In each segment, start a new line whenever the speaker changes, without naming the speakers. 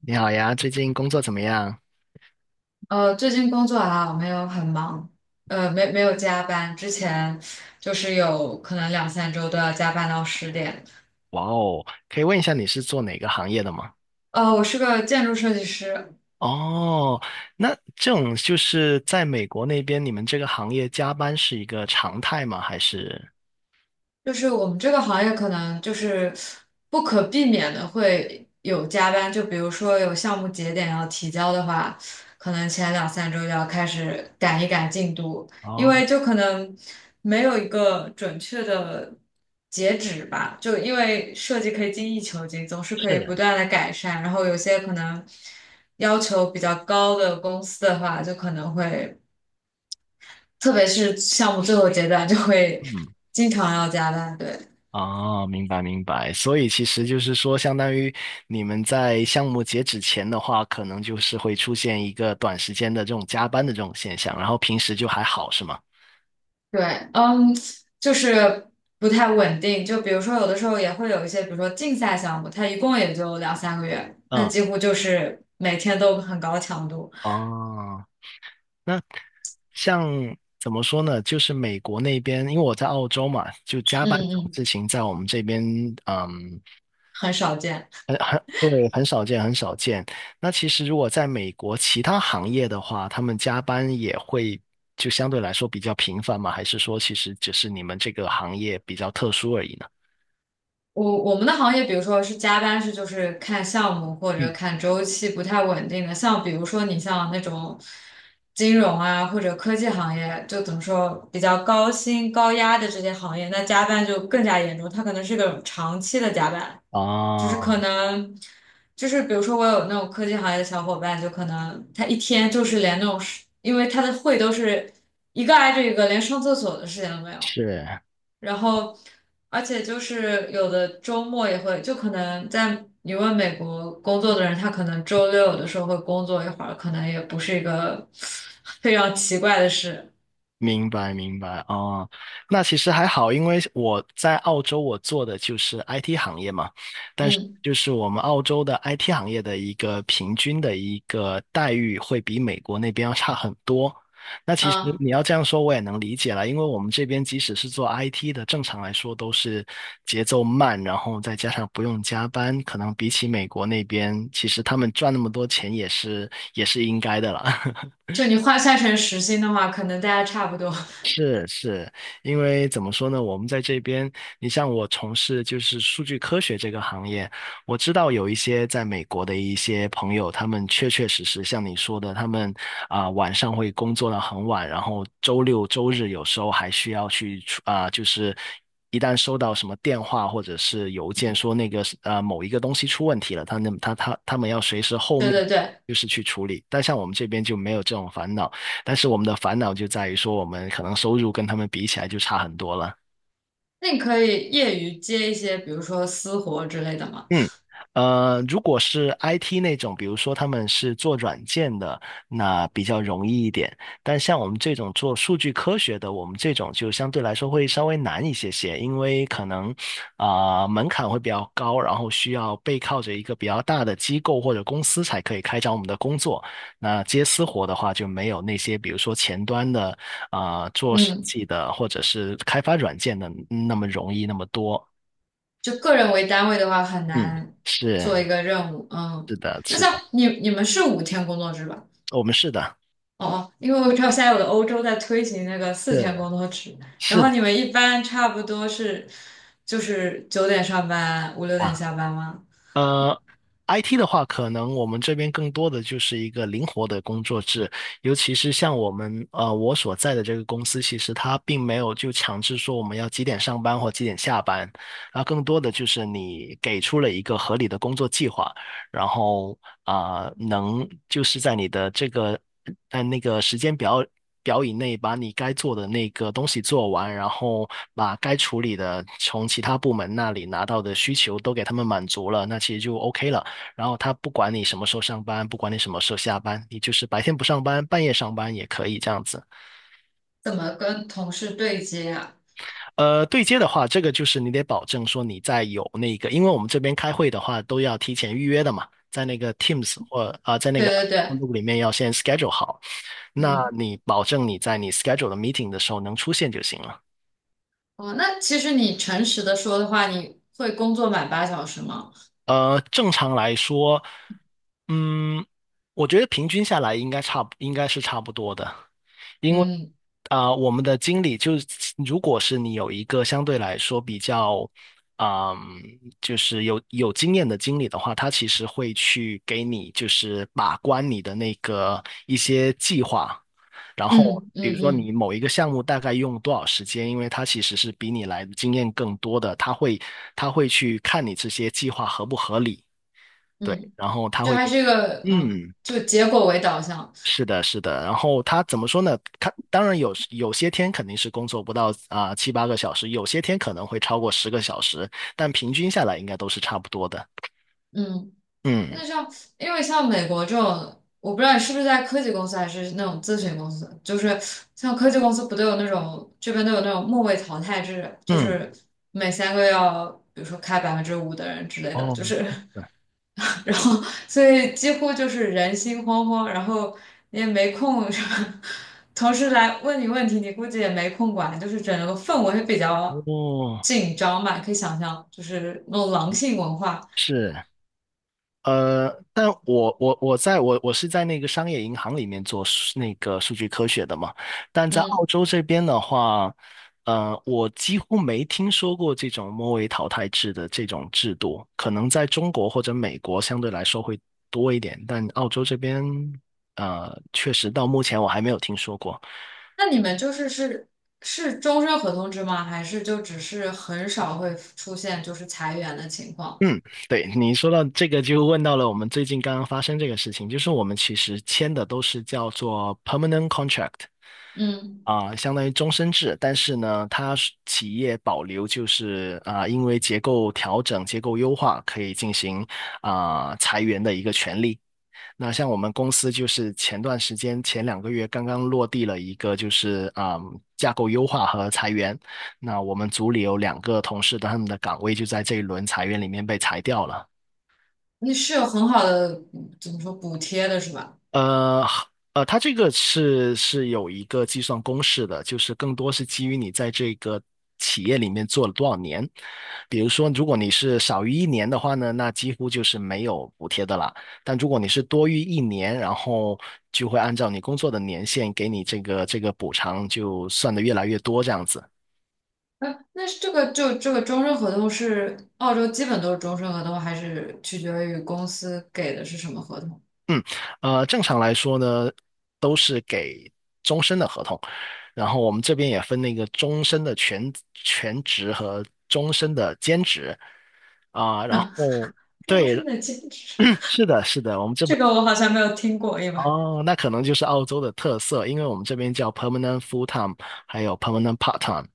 你好呀，最近工作怎么样？
最近工作啊，没有很忙，没有加班。之前就是有可能两三周都要加班到10点。
哇哦，可以问一下你是做哪个行业的吗？
我是个建筑设计师，
哦，那这种就是在美国那边，你们这个行业加班是一个常态吗？还是？
就是我们这个行业可能就是不可避免的会有加班，就比如说有项目节点要提交的话，可能前两三周就要开始赶一赶进度，因
哦，
为就可能没有一个准确的截止吧，就因为设计可以精益求精，总是可以
是，
不断的改善，然后有些可能要求比较高的公司的话，就可能会，特别是项目最后阶段，就会
嗯，
经常要加班，对。
哦，明白明白。所以其实就是说，相当于你们在项目截止前的话，可能就是会出现一个短时间的这种加班的这种现象，然后平时就还好，是吗？
对，嗯，就是不太稳定。就比如说，有的时候也会有一些，比如说竞赛项目，它一共也就两三个月，那
嗯，
几乎就是每天都很高强度。
哦。那像怎么说呢？就是美国那边，因为我在澳洲嘛，就加
嗯
班
嗯，
这种
嗯，
事情在我们这边，嗯，
很少见。
很对，很少见，很少见。那其实如果在美国其他行业的话，他们加班也会就相对来说比较频繁嘛？还是说其实只是你们这个行业比较特殊而已呢？
我们的行业，比如说是加班，是就是看项目或者
嗯，
看周期不太稳定的。像比如说你像那种金融啊或者科技行业，就怎么说比较高薪高压的这些行业，那加班就更加严重，它可能是个长期的加班。就是可
啊，
能，就是比如说我有那种科技行业的小伙伴，就可能他一天就是连那种事，因为他的会都是一个挨着一个，连上厕所的时间都没有。
是。
然后，而且就是有的周末也会，就可能在你问美国工作的人，他可能周六有的时候会工作一会儿，可能也不是一个 非常奇怪的事。
明白明白哦，那其实还好，因为我在澳洲，我做的就是 IT 行业嘛，但是
嗯
就是我们澳洲的 IT 行业的一个平均的一个待遇会比美国那边要差很多。那其实
嗯，
你要这样说，我也能理解了，因为我们这边即使是做 IT 的，正常来说都是节奏慢，然后再加上不用加班，可能比起美国那边，其实他们赚那么多钱也是应该的了。
就你换算成时薪的话，可能大家差不多。
是是，因为怎么说呢？我们在这边，你像我从事就是数据科学这个行业，我知道有一些在美国的一些朋友，他们确确实实像你说的，他们晚上会工作到很晚，然后周六周日有时候还需要去出就是一旦收到什么电话或者是邮件说那个某一个东西出问题了，他那他他他们要随时后
对
面
对对。
就是去处理，但像我们这边就没有这种烦恼。但是我们的烦恼就在于说，我们可能收入跟他们比起来就差很多了。
那你可以业余接一些，比如说私活之类的吗？
嗯，如果是 IT 那种，比如说他们是做软件的，那比较容易一点。但像我们这种做数据科学的，我们这种就相对来说会稍微难一些些，因为可能门槛会比较高，然后需要背靠着一个比较大的机构或者公司才可以开展我们的工作。那接私活的话，就没有那些比如说前端的做设
嗯，
计的或者是开发软件的那么容易那么多。
就个人为单位的话，很
嗯，
难做一
是。
个任务。嗯，
是的，
那
是
像
的。
你们是5天工作制吧？哦
我们是的，
哦，因为我知道现在有的欧洲在推行那个4天工
是
作制，然
是
后
的
你们一般差不多是就是9点上班，五六点
啊，
下班吗？
呃，IT 的话，可能我们这边更多的就是一个灵活的工作制，尤其是像我们我所在的这个公司，其实它并没有就强制说我们要几点上班或几点下班，啊，更多的就是你给出了一个合理的工作计划，然后能就是在你的这个在那个时间表以内，把你该做的那个东西做完，然后把该处理的从其他部门那里拿到的需求都给他们满足了，那其实就 OK 了。然后他不管你什么时候上班，不管你什么时候下班，你就是白天不上班，半夜上班也可以这样子。
怎么跟同事对接啊？
对接的话，这个就是你得保证说你在有那个，因为我们这边开会的话都要提前预约的嘛，在那个 Teams 或在那
对
个
对对，
Outlook 里面要先 schedule 好。那
嗯，
你保证你在你 schedule 的 meeting 的时候能出现就行了。
哦，那其实你诚实的说的话，你会工作满8小时吗？
正常来说，嗯，我觉得平均下来应该差不，应该是差不多的。因为
嗯
我们的经理就是，如果是你有一个相对来说比较，嗯，就是有经验的经理的话，他其实会去给你就是把关你的那个一些计划，然后
嗯
比如
嗯
说你
嗯。
某一个项目大概用多少时间，因为他其实是比你来的经验更多的，他会去看你这些计划合不合理，对，
嗯，
然后他
就
会
还
给，
是一个嗯，
嗯。
就结果为导向，
是的，是的。然后他怎么说呢？他当然有些天肯定是工作不到啊七八个小时，有些天可能会超过10个小时，但平均下来应该都是差不多的。
嗯，
嗯
那像因为像美国这种，我不知道你是不是在科技公司还是那种咨询公司，就是像科技公司不都有那种这边都有那种末位淘汰制，就
嗯，
是每三个要比如说开5%的人之类的，
哦，
就是。
对，
然后所以几乎就是人心惶惶，然后你也没空什么，同事来问你问题，你估计也没空管，就是整个氛围比较
哦，
紧张吧，可以想象，就是那种狼性文化。
是。但我是在那个商业银行里面做数那个数据科学的嘛，但在澳
嗯，
洲这边的话，我几乎没听说过这种末位淘汰制的这种制度，可能在中国或者美国相对来说会多一点，但澳洲这边，确实到目前我还没有听说过。
那你们是终身合同制吗？还是就只是很少会出现就是裁员的情况？
嗯，对，你说到这个，就问到了我们最近刚刚发生这个事情，就是我们其实签的都是叫做 permanent contract。
嗯，
相当于终身制，但是呢，它是企业保留就是因为结构调整、结构优化，可以进行裁员的一个权利。那像我们公司就是前段时间前2个月刚刚落地了一个就是架构优化和裁员，那我们组里有两个同事的他们的岗位就在这一轮裁员里面被裁掉了。
你是有很好的怎么说补贴的是吧？
呃它这个是有一个计算公式的，就是更多是基于你在这个企业里面做了多少年。比如说，如果你是少于一年的话呢，那几乎就是没有补贴的啦。但如果你是多于一年，然后就会按照你工作的年限给你这个补偿，就算的越来越多这样子。
哎，那是这个就这个终身合同是澳洲基本都是终身合同，还是取决于公司给的是什么合同？
嗯，正常来说呢，都是给终身的合同，然后我们这边也分那个终身的全职和终身的兼职啊，然
啊，
后
终
对，
身的兼职，
是的，是的，我们 这
这
边
个我好像没有听过，因为
哦，那可能就是澳洲的特色，因为我们这边叫 permanent full time，还有 permanent part time。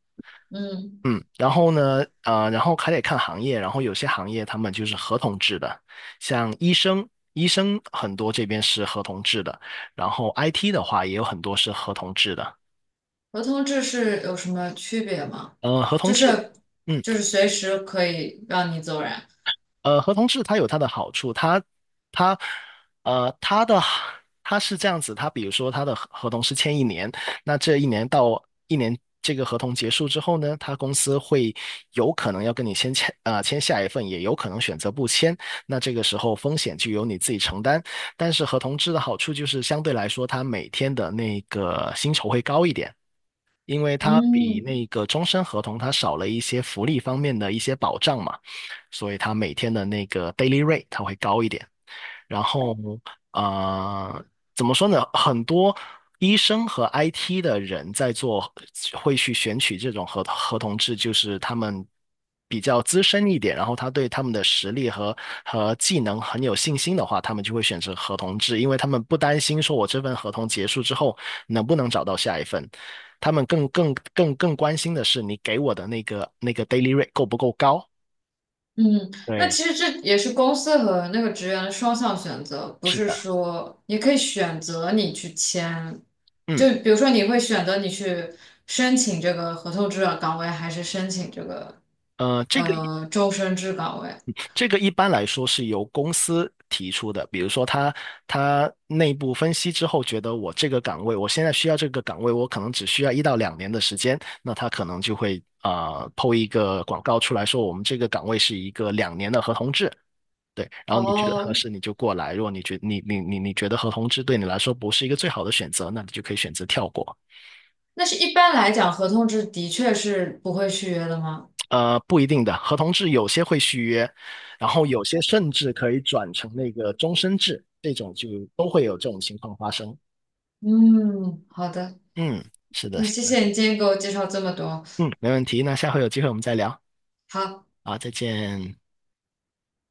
嗯，
嗯，然后呢，然后还得看行业，然后有些行业他们就是合同制的，像医生，医生很多这边是合同制的，然后 IT 的话也有很多是合同制的，
合同制是有什么区别吗？
合同
就
制，
是
嗯。
就是随时可以让你走人。
合同制它有它的好处，它它的它是这样子，它比如说它的合同是签一年，那这一年这个合同结束之后呢，他公司会有可能要跟你先签签下一份，也有可能选择不签，那这个时候风险就由你自己承担。但是合同制的好处就是相对来说，它每天的那个薪酬会高一点。因为它比
嗯，
那个终身合同它少了一些福利方面的一些保障嘛，所以它每天的那个 daily rate 它会高一点。然后呃，怎么说呢？很多医生和 IT 的人在做，会去选取这种合同制，就是他们比较资深一点，然后他对他们的实力和和技能很有信心的话，他们就会选择合同制，因为他们不担心说我这份合同结束之后能不能找到下一份。他们更关心的是你给我的那个 daily rate 够不够高？
嗯，那
对，
其实这也是公司和那个职员的双向选择，不
是
是
的，
说你可以选择你去签，
嗯，
就比如说你会选择你去申请这个合同制的岗位，还是申请这个
呃，这个。
终身制岗位？
这个一般来说是由公司提出的，比如说他内部分析之后，觉得我这个岗位，我现在需要这个岗位，我可能只需要1到2年的时间，那他可能就会抛一个广告出来说，我们这个岗位是一个两年的合同制，对，然后你觉得合
哦，
适你就过来，如果你觉你你你你觉得合同制对你来说不是一个最好的选择，那你就可以选择跳过。
那是一般来讲，合同制的确是不会续约的吗？
不一定的，合同制有些会续约，然后有些甚至可以转成那个终身制，这种就都会有这种情况发生。
嗯，好的，
嗯，是的，
那
是
谢
的，
谢你今天给我介绍这么多。
嗯，没问题。那下回有机会我们再聊。
好，
好，再见。